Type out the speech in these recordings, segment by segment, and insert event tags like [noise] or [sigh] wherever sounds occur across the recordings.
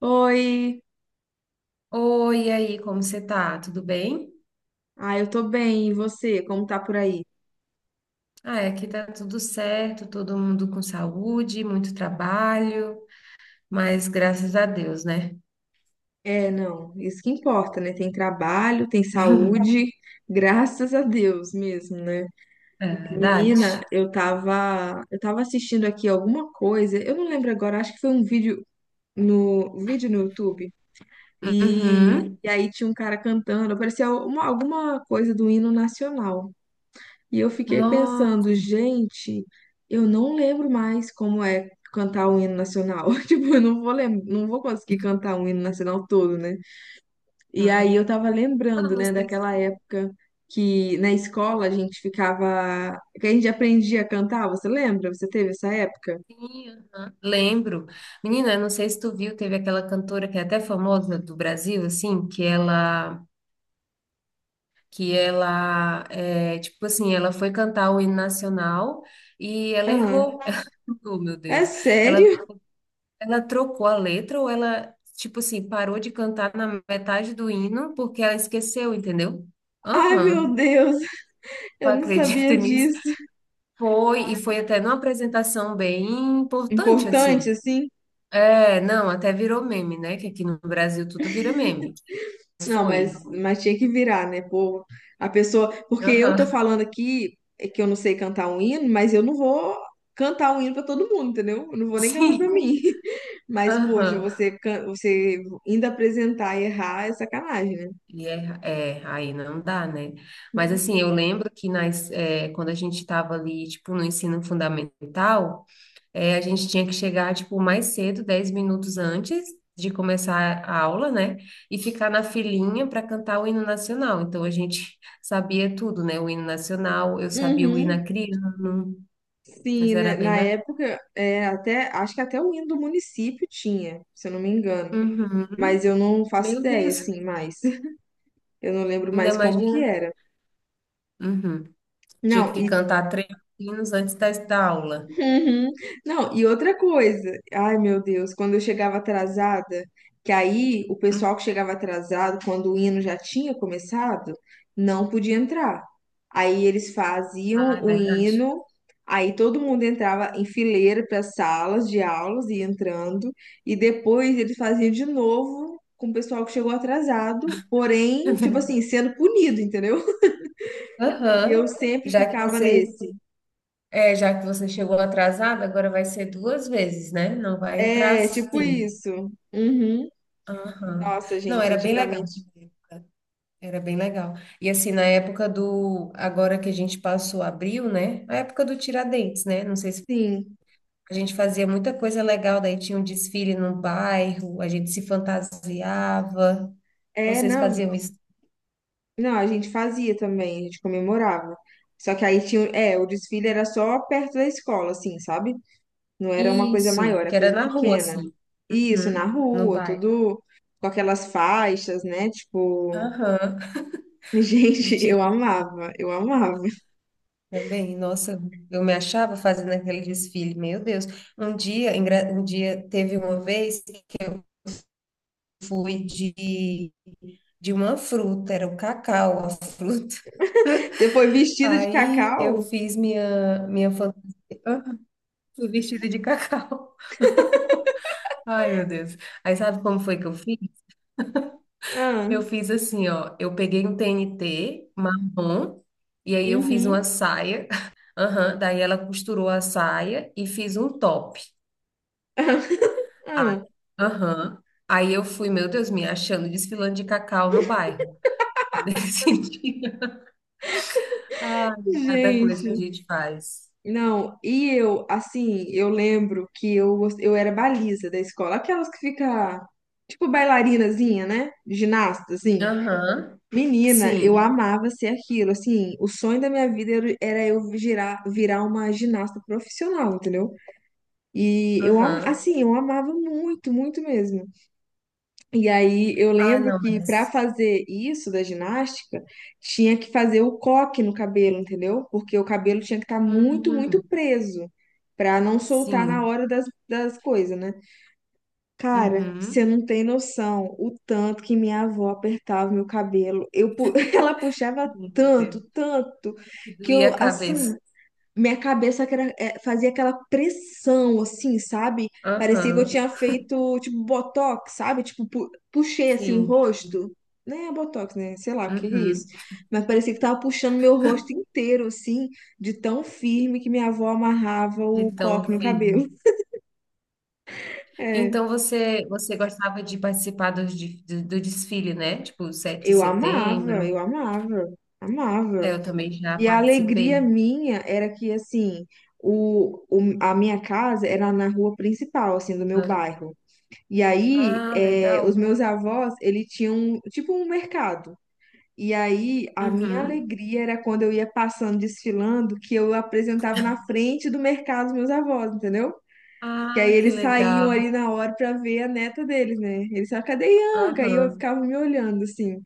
Oi, Oi, e aí, como você tá? Tudo bem? Eu tô bem, e você? Como tá por aí? Ah, é, aqui tá tudo certo, todo mundo com saúde, muito trabalho, mas graças a Deus, né? É, não, isso que importa, né? Tem trabalho, tem [laughs] saúde, graças a Deus mesmo, né? É Menina, verdade? Eu tava assistindo aqui alguma coisa, eu não lembro agora, acho que foi um vídeo no YouTube, e, Uhum. e aí tinha um cara cantando, parecia alguma coisa do hino nacional. E eu fiquei pensando, Nossa, gente, eu não lembro mais como é cantar o hino nacional. [laughs] Tipo, eu não vou lem não vou conseguir cantar o hino nacional todo, né? E aí eu tava eu lembrando, não né, sei daquela se época que na escola que a gente aprendia a cantar, você lembra? Você teve essa época? sim, aham. Lembro. Menina, eu não sei se tu viu, teve aquela cantora que é até famosa do Brasil, assim, que ela, tipo assim, ela foi cantar o hino nacional e ela Ah, errou. [laughs] Oh, meu é Deus. Ela sério? Ela trocou a letra ou ela, tipo assim, parou de cantar na metade do hino porque ela esqueceu, entendeu? Ai, Aham, meu Deus, eu eu não acredito [laughs] sabia nisso. disso. Foi, e foi até numa apresentação bem importante, assim. Importante, assim? É, não, até virou meme, né? Que aqui no Brasil tudo vira meme. Mas Não, foi. mas tinha que virar, né? Pô, a pessoa. Porque eu tô Aham, falando aqui é que eu não sei cantar um hino, mas eu não vou cantar um hino pra todo mundo, entendeu? Eu não vou [laughs] nem cantar pra sim. mim. [laughs] Mas, poxa, Aham. Você ainda apresentar e errar é sacanagem, né? E é, é, aí não dá, né? Mas assim, eu lembro que quando a gente estava ali, tipo, no ensino fundamental. É, a gente tinha que chegar, tipo, mais cedo, 10 minutos antes de começar a aula, né? E ficar na filinha para cantar o hino nacional. Então, a gente [laughs] sabia tudo, né? O hino nacional, eu sabia o hino Uhum, acriano, mas sim, era né? bem Na lá. época, é, até, acho que até o hino do município tinha, se eu não me engano. Mas Uhum. eu não faço Meu ideia, Deus, assim, mais. [laughs] Eu não lembro ainda mais como que imagina. era. Uhum. Tinha Não, que e cantar 3 hinos antes da aula. uhum. Não, e outra coisa, ai meu Deus, quando eu chegava atrasada, que aí o Uhum. pessoal que chegava atrasado, quando o hino já tinha começado, não podia entrar. Aí eles faziam Ah, é o verdade. [laughs] hino, aí todo mundo entrava em fileira para as salas de aulas e entrando, e depois eles faziam de novo com o pessoal que chegou atrasado, É porém, tipo assim, verdade. sendo punido, entendeu? [laughs] E eu Aham. sempre Já que ficava você nesse. é, já que você chegou atrasada, agora vai ser duas vezes, né? Não vai entrar É, tipo assim. isso. Uhum. Aham. Nossa, Não, gente, era bem legal antigamente naquela época. Era bem legal. E assim, na época do. Agora que a gente passou abril, né? A época do Tiradentes, né? Não sei se sim. a gente fazia muita coisa legal, daí tinha um desfile no bairro, a gente se fantasiava. É, Vocês não, faziam isso? não, a gente fazia também, a gente comemorava. Só que aí tinha, é, o desfile era só perto da escola, assim, sabe? Não era uma coisa maior, Isso, que era era coisa na rua, pequena. assim. Isso, na Uhum. No rua, bairro. tudo com aquelas faixas, né? Tipo, Aham. [laughs] Do gente, Tiradentes. Eu amava. Também, nossa, eu me achava fazendo aquele desfile, meu Deus. Um dia, um dia teve uma vez que eu fui de uma fruta, era o cacau, a fruta. Você foi [laughs] vestido de Aí eu cacau? fiz minha fantasia, fui vestida de cacau. [laughs] Ai, meu Deus. Aí sabe como foi que eu fiz? Ah, Eu fiz assim, ó, eu peguei um TNT marrom e aí eu fiz uma uhum. saia. [laughs] Aham, daí ela costurou a saia e fiz um top. [laughs] Ah, Aham. Aí eu fui, meu Deus, me achando desfilando de cacau no bairro. Foi nesse [laughs] dia. Ah, cada coisa que a gente. gente faz. Não, e eu, assim, eu lembro que eu era baliza da escola, aquelas que fica, tipo, bailarinazinha, né? Ginasta, assim. Aham. Menina, eu Sim. amava ser aquilo, assim, o sonho da minha vida era eu virar uma ginasta profissional, entendeu? E eu, Aham. assim, eu amava muito, muito mesmo. E aí eu Ah, lembro não, que para mas. fazer isso da ginástica, tinha que fazer o coque no cabelo, entendeu? Porque o cabelo tinha que estar muito, muito Uhum. preso para não soltar na Sim. hora das coisas, né? Cara, você Uhum. não tem noção o tanto que minha avó apertava meu cabelo. [laughs] Ela puxava Meu tanto, Deus. tanto, Que que doía eu a cabeça. assim, minha cabeça é, fazia aquela pressão, assim, sabe? Parecia que eu Aham. tinha feito, tipo, botox, sabe? Tipo, puxei, assim, o Sim. rosto. Né botox, né? Sei lá, o que que é isso? Uhum. Mas parecia que tava puxando meu rosto inteiro, assim, de tão firme que minha avó amarrava De o tão coque no firme. cabelo. [laughs] É, Então você, você gostava de participar do desfile, né? Tipo, 7 de eu amava, eu setembro. amava, É, amava. eu também já E a alegria participei. minha era que, assim, a minha casa era na rua principal, assim, do meu bairro. E aí, Ah, é, os legal. meus avós, ele tinham tipo um mercado. E aí, a minha Uhum. alegria era quando eu ia passando, desfilando, que eu apresentava na frente do mercado os meus avós, entendeu? Que aí Ah, que eles saíam legal. ali na hora pra ver a neta deles, né? Eles falavam, cadê Ianca? Aí eu Aham. ficava me olhando, assim.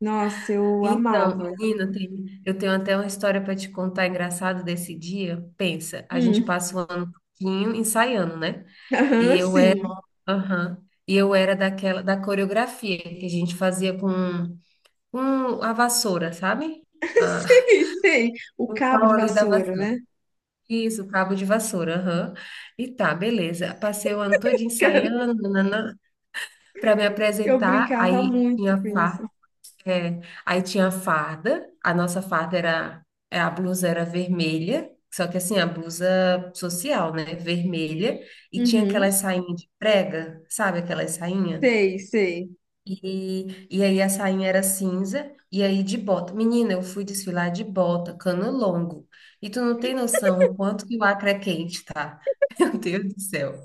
Nossa, eu Então, amava. menina, eu tenho até uma história para te contar engraçada desse dia. Pensa, a gente Hum, passa o ano todinho ensaiando, né? E aham, eu era, sim. aham. E eu era daquela da coreografia que a gente fazia com a vassoura, sabe? [laughs] Ah, Sei, sei. O o cabo pau de ali da vassoura, vassoura. né? Isso, o cabo de vassoura, aham. E tá, beleza. Passei o ano todo [laughs] ensaiando, nananã, para me Eu apresentar. brincava Aí muito tinha com isso. farda, aí tinha a farda, a nossa farda era, é, a blusa era vermelha, só que assim, a blusa social, né, vermelha, e tinha Uhum, aquelas sainhas de prega, sabe aquelas sainha? sei, sei. E aí a sainha era cinza, e aí de bota. Menina, eu fui desfilar de bota, cano longo. E tu não tem noção o quanto que o Acre é quente, tá? [laughs] Meu Deus do céu.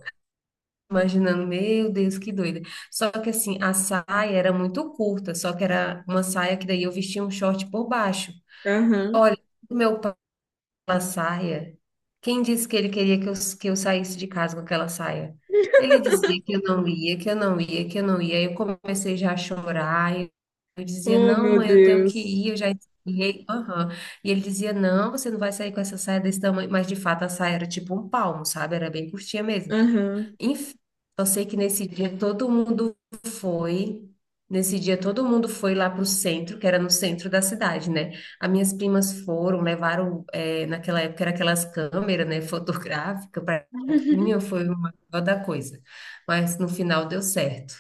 Imaginando, meu Deus, que doida. Só que assim, a saia era muito curta, só que era uma saia que daí eu vestia um short por baixo. Aham. Olha, meu pai com aquela saia. Quem disse que ele queria que eu saísse de casa com aquela saia? Ele dizia que eu não ia, que eu não ia, que eu não ia. Aí eu comecei já a chorar. Eu dizia, Oh, não, meu mãe, eu tenho que ir, Deus. eu já esfriei. Aham. E ele dizia, não, você não vai sair com essa saia desse tamanho. Mas de fato a saia era tipo um palmo, sabe? Era bem curtinha mesmo. Aham. Enfim, eu sei que nesse dia todo mundo foi. Nesse dia todo mundo foi lá para o centro, que era no centro da cidade, né? As minhas primas foram, levaram, naquela época era aquelas câmeras, né, [laughs] fotográfica para foto. Menina, foi uma maior da coisa. Mas no final deu certo.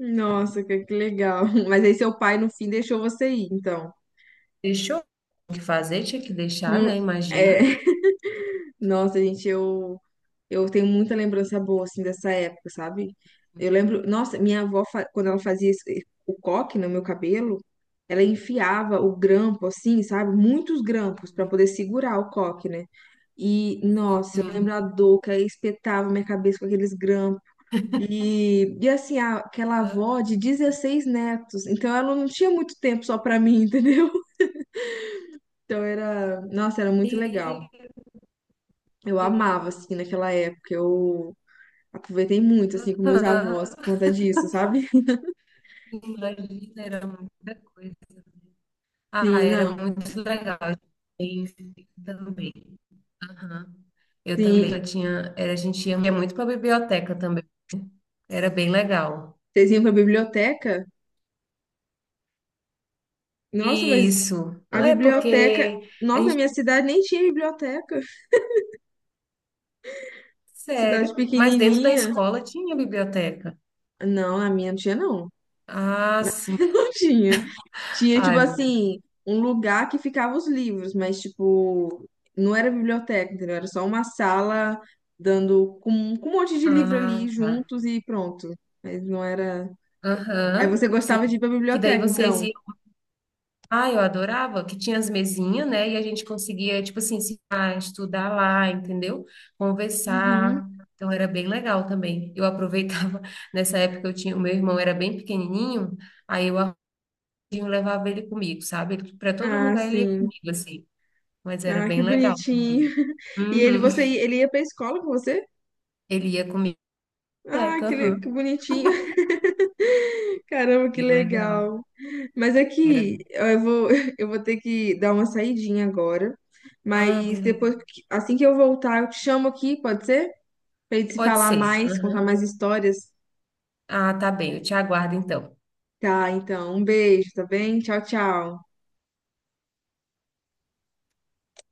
Nossa, que legal. [laughs] Mas aí seu pai, no fim, deixou você ir, então. Deixou o que fazer, tinha que deixar, Não, né? Imagina. é... [laughs] Nossa, gente, eu tenho muita lembrança boa, assim, dessa época, sabe? Eu lembro... Nossa, minha avó, quando ela fazia o coque no meu cabelo, ela enfiava o grampo, assim, sabe? Muitos grampos para poder segurar o coque, né? E, nossa, eu Sim. lembro a dor que aí espetava minha cabeça com aqueles grampos. E assim, aquela Ah, avó de 16 netos, então ela não tinha muito tempo só pra mim, [laughs] entendeu? Então era, nossa, era muito legal. meu Eu amava, Deus. assim, naquela época. Eu aproveitei muito, assim, com meus avós por Ah, conta disso, sabe? imagina, era muita coisa. Ah, Sim, era não. muito legal. Isso também. Aham. Eu também. Eu Sim, tinha, era, a gente ia muito para a biblioteca também. Era bem legal. vocês iam pra biblioteca? Nossa, mas Isso. a Ah, é biblioteca. porque a Nossa, na gente, minha cidade nem tinha biblioteca. Cidade sério, mas dentro da pequenininha. escola tinha biblioteca. Não, a minha não tinha, não. Ah, [laughs] sim. Não tinha. Tinha, tipo Ai, meu- assim, um lugar que ficava os livros, mas, tipo, não era biblioteca, entendeu? Era só uma sala dando com um monte de livro Ah, ali tá. juntos e pronto. Mas não era. Aí Aham, você gostava de ir sim. pra Que daí biblioteca, vocês então. ah, eu adorava, que tinha as mesinhas, né? E a gente conseguia, tipo assim, se estudar lá, entendeu? Uhum. Conversar. Então era bem legal também. Eu aproveitava, [laughs] nessa época eu tinha, o meu irmão era bem pequenininho, aí eu arranjinho levava ele comigo, sabe? Para todo Ah, lugar ele ia sim. comigo, assim. Mas era Ah, que bem legal também. bonitinho. [laughs] E ele, Uhum. você, ele ia pra escola com você? Ele ia comigo, Ah, teca, que, que aham. bonitinho. Caramba, que Bem legal. legal. Mas Era. aqui, eu vou, [laughs] eu vou ter que dar uma saidinha agora. Ah, Mas beleza. depois, assim que eu voltar, eu te chamo aqui, pode ser? Pra gente se Pode falar ser. mais, contar Aham. mais histórias. Ah, tá bem. Eu te aguardo então. Tá, então, um beijo, tá bem? Tchau, tchau.